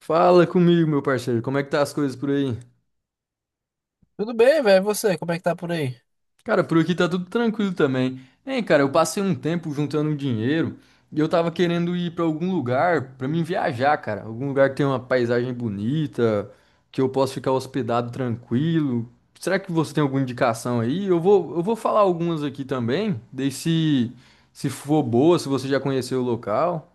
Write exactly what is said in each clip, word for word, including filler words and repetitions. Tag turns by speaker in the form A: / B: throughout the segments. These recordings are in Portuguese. A: Fala comigo, meu parceiro. Como é que tá as coisas por aí?
B: Tudo bem, velho? E você, como é que tá por aí?
A: Cara, por aqui tá tudo tranquilo também. Hein, cara, eu passei um tempo juntando um dinheiro e eu tava querendo ir pra algum lugar pra mim viajar, cara. Algum lugar que tem uma paisagem bonita, que eu possa ficar hospedado tranquilo. Será que você tem alguma indicação aí? Eu vou, eu vou falar algumas aqui também, daí se, se for boa, se você já conheceu o local.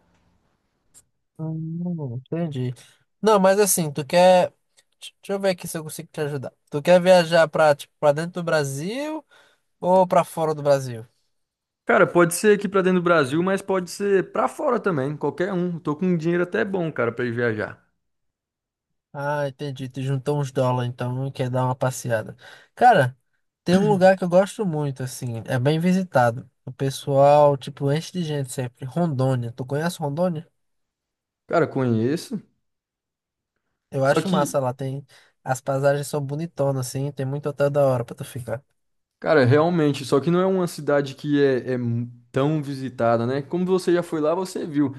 B: Hum, entendi. Não, mas assim, tu quer. Deixa eu ver aqui se eu consigo te ajudar. Tu quer viajar pra, tipo, pra dentro do Brasil ou pra fora do Brasil?
A: Cara, pode ser aqui pra dentro do Brasil, mas pode ser pra fora também, qualquer um. Tô com um dinheiro até bom, cara, pra ir viajar.
B: Ah, entendi. Tu juntou uns dólares, então e quer dar uma passeada. Cara, tem um lugar que eu gosto muito, assim, é bem visitado. O pessoal, tipo, enche de gente sempre. Rondônia. Tu conhece Rondônia?
A: Cara, conheço.
B: Eu
A: Só
B: acho
A: que,
B: massa lá, tem. As paisagens são bonitonas, assim, tem muito hotel da hora pra tu ficar.
A: cara, realmente, só que não é uma cidade que é, é mu- tão visitada, né? Como você já foi lá, você viu.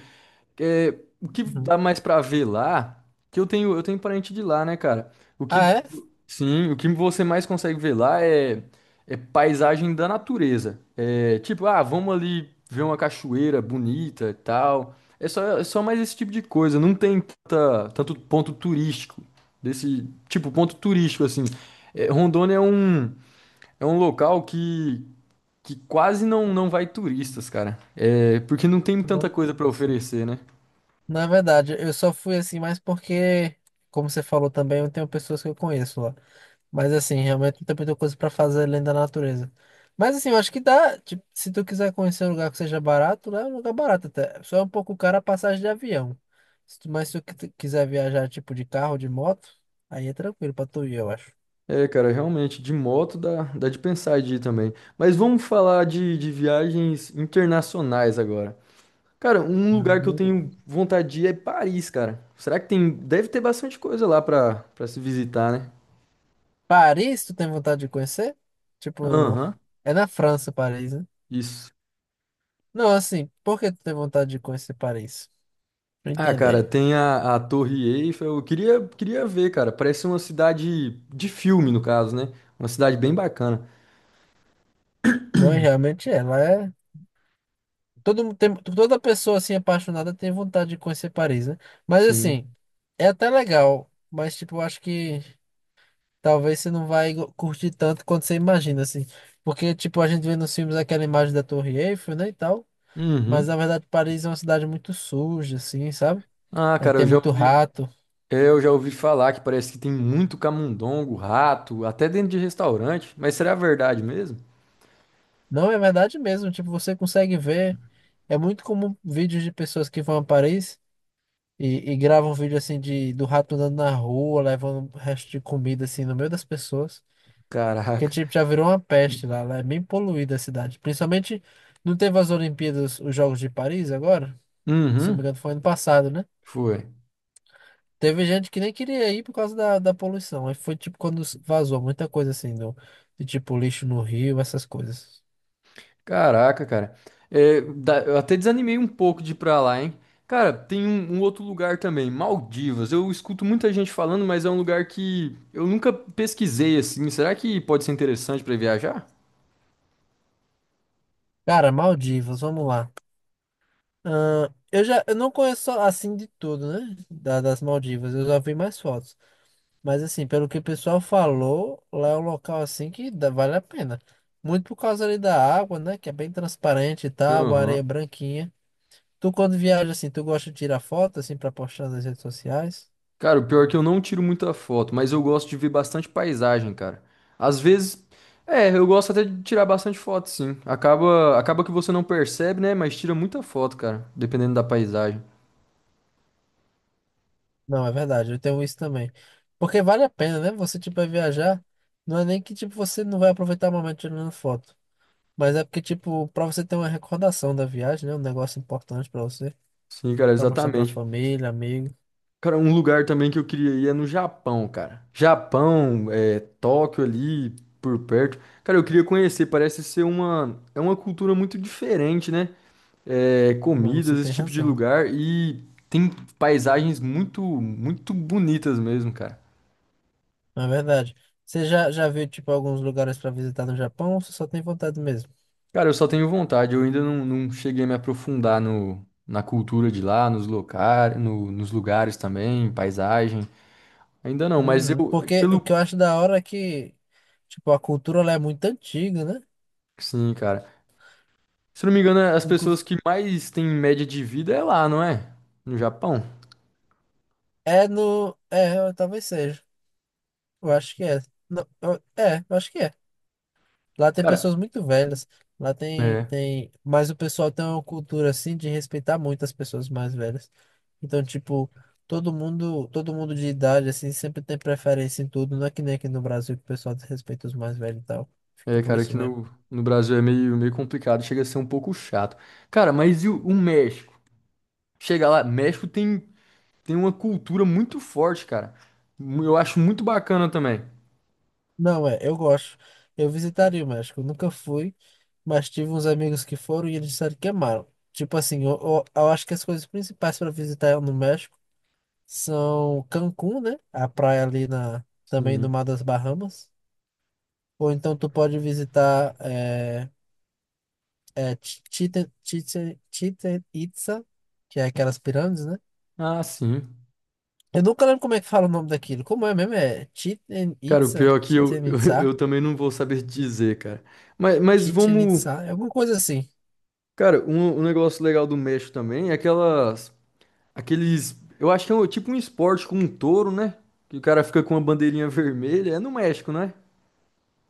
A: É, o que dá
B: Uhum.
A: mais pra ver lá, que eu tenho, eu tenho parente de lá, né, cara? O
B: Ah,
A: que,
B: é?
A: sim, o que você mais consegue ver lá é, é paisagem da natureza. É tipo, ah, vamos ali ver uma cachoeira bonita e tal. É só, é só mais esse tipo de coisa. Não tem tanta, tanto ponto turístico desse tipo ponto turístico assim. É, Rondônia é um, é um local que, que quase não, não vai turistas, cara. É porque não tem tanta coisa pra
B: Nossa.
A: oferecer, né?
B: Na verdade, eu só fui assim, mais porque, como você falou também, eu tenho pessoas que eu conheço lá. Mas assim, realmente não tem muita coisa pra fazer além da natureza. Mas assim, eu acho que dá. Tipo, se tu quiser conhecer um lugar que seja barato, lá é um lugar barato até. Só é um pouco caro a passagem de avião. Se tu, mas se tu qui- quiser viajar tipo de carro, de moto, aí é tranquilo pra tu ir, eu acho.
A: É, cara, realmente, de moto dá, dá de pensar de ir também. Mas vamos falar de, de viagens internacionais agora. Cara, um lugar que eu
B: Uhum.
A: tenho vontade de ir é Paris, cara. Será que tem. Deve ter bastante coisa lá pra, pra se visitar, né?
B: Paris, tu tem vontade de conhecer? Tipo,
A: Aham,
B: é na França, Paris, né?
A: isso.
B: Não, assim, por que tu tem vontade de conhecer Paris? Pra
A: Ah, cara,
B: entender.
A: tem a, a Torre Eiffel. Eu queria, queria ver, cara. Parece uma cidade de filme, no caso, né? Uma cidade bem bacana.
B: Não, é, realmente ela é. Todo mundo tem, toda pessoa assim apaixonada tem vontade de conhecer Paris, né? Mas assim,
A: Sim.
B: é até legal. Mas, tipo, eu acho que talvez você não vai go- curtir tanto quanto você imagina, assim. Porque, tipo, a gente vê nos filmes aquela imagem da Torre Eiffel, né, e tal. Mas na
A: Uhum.
B: verdade, Paris é uma cidade muito suja, assim, sabe?
A: Ah,
B: É,
A: cara,
B: tem
A: eu já
B: muito
A: ouvi.
B: rato.
A: Eu já ouvi falar que parece que tem muito camundongo, rato, até dentro de restaurante. Mas será verdade mesmo?
B: Não, é verdade mesmo. Tipo, você consegue ver. É muito comum vídeos de pessoas que vão a Paris. E, e grava um vídeo assim de do rato andando na rua, levando um resto de comida assim no meio das pessoas. Porque
A: Caraca.
B: tipo, já virou uma peste lá, lá é bem poluída a cidade. Principalmente não teve as Olimpíadas, os Jogos de Paris agora? Se não me
A: Uhum,
B: engano, foi ano passado, né?
A: foi.
B: Teve gente que nem queria ir por causa da, da poluição. Aí foi tipo quando vazou muita coisa assim, do, de tipo lixo no rio, essas coisas.
A: Caraca, cara. É, da- eu até desanimei um pouco de ir pra lá, hein? Cara, tem um, um outro lugar também, Maldivas. Eu escuto muita gente falando, mas é um lugar que eu nunca pesquisei assim. Será que pode ser interessante pra viajar?
B: Cara, Maldivas, vamos lá. Ahn, eu já eu não conheço assim de tudo, né? Da- das Maldivas, eu já vi mais fotos. Mas assim, pelo que o pessoal falou, lá é um local assim que dá- vale a pena. Muito por causa ali da água, né? Que é bem transparente e tal, a areia é
A: Aham.
B: branquinha. Tu quando viaja assim, tu gosta de tirar foto assim pra postar nas redes sociais?
A: Cara, o pior é que eu não tiro muita foto, mas eu gosto de ver bastante paisagem, cara. Às vezes, é, eu gosto até de tirar bastante foto, sim. Acaba, acaba que você não percebe, né? Mas tira muita foto, cara, dependendo da paisagem.
B: Não, é verdade, eu tenho isso também. Porque vale a pena, né? Você tipo vai viajar, não é nem que tipo você não vai aproveitar o momento tirando foto, mas é porque tipo pra você ter uma recordação da viagem, né? Um negócio importante pra você,
A: Sim, cara,
B: pra mostrar pra
A: exatamente.
B: família, amigo.
A: Cara, um lugar também que eu queria ir é no Japão, cara. Japão, é, Tóquio ali, por perto. Cara, eu queria conhecer, parece ser uma, é uma cultura muito diferente, né? É,
B: Não, você
A: comidas, esse
B: tem
A: tipo de
B: razão.
A: lugar e tem paisagens muito, muito bonitas mesmo, cara.
B: Na verdade. Você já, já viu, tipo, alguns lugares para visitar no Japão ou você só tem vontade mesmo?
A: Cara, eu só tenho vontade, eu ainda não, não cheguei a me aprofundar no, na cultura de lá, nos locais, no- nos lugares também, paisagem. Ainda não, mas
B: Uhum.
A: eu,
B: Porque o que eu
A: pelo.
B: acho da hora é que, tipo, a cultura lá é muito antiga, né?
A: Sim, cara. Se não me engano, as pessoas
B: Inclusive,
A: que mais têm média de vida é lá, não é? No Japão.
B: é no... é, eu- talvez seja. Eu acho que é. Não, eu- é, eu acho que é. Lá tem
A: Cara,
B: pessoas muito velhas. Lá tem,
A: é.
B: tem. Mas o pessoal tem uma cultura assim de respeitar muito as pessoas mais velhas. Então, tipo, todo mundo, todo mundo de idade, assim, sempre tem preferência em tudo. Não é que nem aqui no Brasil que o pessoal desrespeita os mais velhos e tal. Fica
A: É,
B: por
A: cara,
B: isso
A: aqui
B: mesmo.
A: no, no Brasil é meio, meio complicado, chega a ser um pouco chato. Cara, mas e o o México? Chega lá, México tem, tem uma cultura muito forte, cara. Eu acho muito bacana também.
B: Não, é, eu gosto. Eu visitaria o México. Eu Nunca fui, mas tive uns amigos que foram e eles disseram que amaram. Tipo assim, eu, eu, eu acho que as coisas principais para visitar é no México. são Cancún, né? A praia ali na, também no
A: Sim.
B: Mar das Bahamas. Ou então tu pode visitar é, é, Chi- Chichen, Chichen, Chichen Itza, que é aquelas pirâmides, né?
A: Ah, sim.
B: Eu nunca lembro como é que fala o nome daquilo. Como é mesmo? É Chichen
A: Cara, o
B: Itza?
A: pior é que eu,
B: Chichen
A: eu,
B: Itza?
A: eu também não vou saber dizer, cara. Mas, mas
B: Chichen
A: vamos.
B: Itza? É alguma coisa assim.
A: Cara, um, um negócio legal do México também é aquelas. Aqueles. Eu acho que é um- tipo um esporte com um touro, né? Que o cara fica com uma bandeirinha vermelha. É no México, né?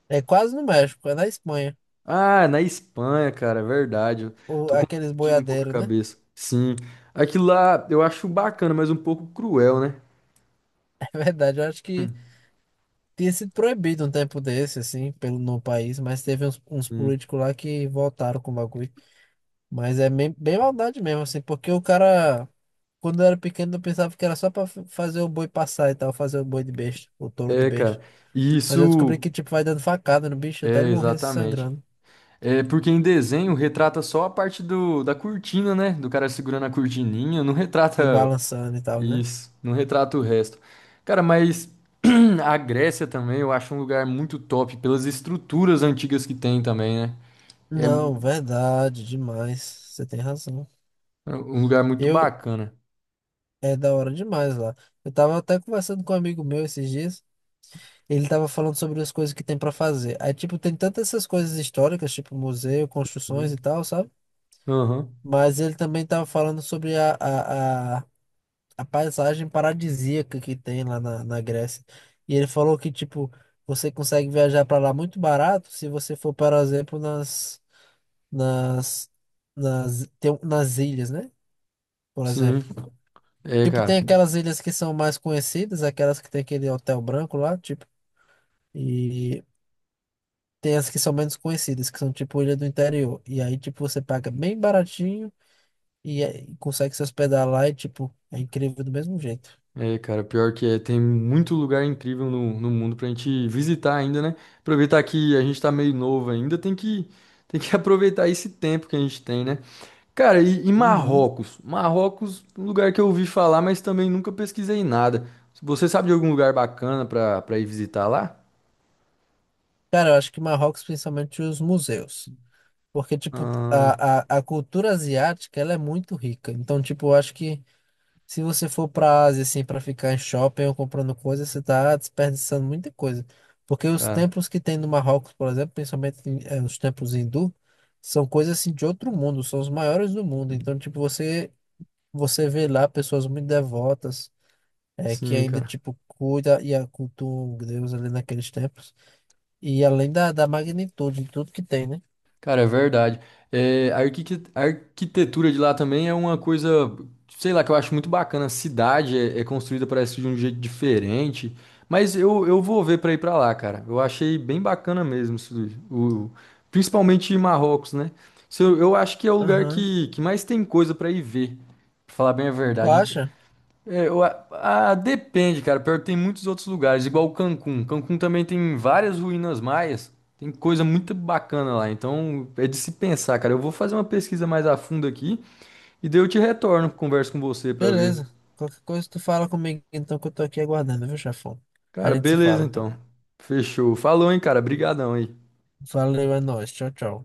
B: É quase no México, é na Espanha.
A: Ah, é na Espanha, cara, é verdade. Eu
B: Ou
A: tô
B: aqueles
A: confundindo um pouco a
B: boiadeiros, né?
A: cabeça. Sim. Aquilo lá eu acho bacana, mas um pouco cruel, né?
B: É verdade, eu acho que tinha sido proibido um tempo desse, assim, pelo, no país, mas teve uns, uns
A: Sim.
B: políticos lá que voltaram com o bagulho. Mas é bem, bem maldade mesmo, assim, porque o cara, quando eu era pequeno, eu pensava que era só pra f- fazer o boi passar e tal, fazer o boi de besta, o touro de
A: É,
B: besta.
A: cara. E
B: Mas eu descobri
A: isso
B: que, tipo, vai dando facada no bicho até
A: é
B: ele morrer se
A: exatamente.
B: sangrando
A: É porque em desenho retrata só a parte do, da cortina, né? Do cara segurando a cortininha, não
B: e
A: retrata
B: balançando e tal, né?
A: isso, não retrata o resto. Cara, mas a Grécia também eu acho um lugar muito top pelas estruturas antigas que tem também, né? É
B: Não,
A: um
B: verdade, demais. Você tem razão.
A: um lugar muito
B: Eu,
A: bacana.
B: é da hora demais lá. Eu tava até conversando com um amigo meu esses dias, ele tava falando sobre as coisas que tem pra fazer. Aí, tipo, tem tantas essas coisas históricas, tipo museu, construções e
A: Uhum.
B: tal, sabe?
A: Aham,
B: Mas ele também estava falando sobre a, a, a, a paisagem paradisíaca que tem lá na, na Grécia. E ele falou que, tipo, você consegue viajar para lá muito barato se você for, por exemplo, nas, nas, nas, tem, um, nas ilhas, né? Por
A: sim.
B: exemplo.
A: É,
B: Tipo, tem
A: cara.
B: aquelas ilhas que são mais conhecidas, aquelas que tem aquele hotel branco lá, tipo, e tem as que são menos conhecidas, que são tipo ilha do interior. E aí, tipo, você paga bem baratinho e, é- e consegue se hospedar lá e, tipo, é incrível do mesmo jeito.
A: É, cara, pior que é, tem muito lugar incrível no, no mundo pra gente visitar ainda, né? Aproveitar que a gente tá meio novo ainda, tem que, tem que aproveitar esse tempo que a gente tem, né? Cara, e, e
B: Uhum.
A: Marrocos? Marrocos, um lugar que eu ouvi falar, mas também nunca pesquisei nada. Você sabe de algum lugar bacana pra, pra ir visitar lá?
B: Cara, eu acho que Marrocos, principalmente os museus. Porque, tipo,
A: Ah,
B: a, a, a cultura asiática, ela é muito rica. Então, tipo, eu acho que se você for pra Ásia, assim, pra ficar em shopping ou comprando coisas, você tá desperdiçando muita coisa. Porque os
A: cara,
B: templos que tem no Marrocos, por exemplo, principalmente em, eh, os templos hindu, são coisas, assim, de outro mundo. São os maiores do mundo. Então, tipo, você, você vê lá pessoas muito devotas. é, que
A: sim,
B: ainda,
A: cara.
B: tipo, cuida e cultua o Deus ali naqueles tempos. E além da, da magnitude de tudo que tem, né?
A: Cara, é verdade. É, a arquiqui- a arquitetura de lá também é uma coisa, sei lá, que eu acho muito bacana. A cidade é, é construída, parece, de um jeito diferente. Mas eu, eu vou ver pra ir pra lá, cara. Eu achei bem bacana mesmo, isso- o, principalmente Marrocos, né? Se Eu, eu acho que é o lugar
B: Aham.
A: que, que mais tem coisa pra ir ver, pra falar bem a
B: Tu
A: verdade.
B: acha?
A: É, eu, a- ah, depende, cara. Pior que tem muitos outros lugares, igual Cancún. Cancún também tem várias ruínas maias. Tem coisa muito bacana lá. Então é de se pensar, cara. Eu vou fazer uma pesquisa mais a fundo aqui e daí eu te retorno, converso com você pra ver.
B: Beleza. Qualquer coisa tu fala comigo, então, que eu tô aqui aguardando, viu, chefão? A
A: Cara,
B: gente se
A: beleza
B: fala, então.
A: então. Fechou. Falou, hein, cara. Obrigadão aí.
B: Valeu, é nóis. Tchau, tchau.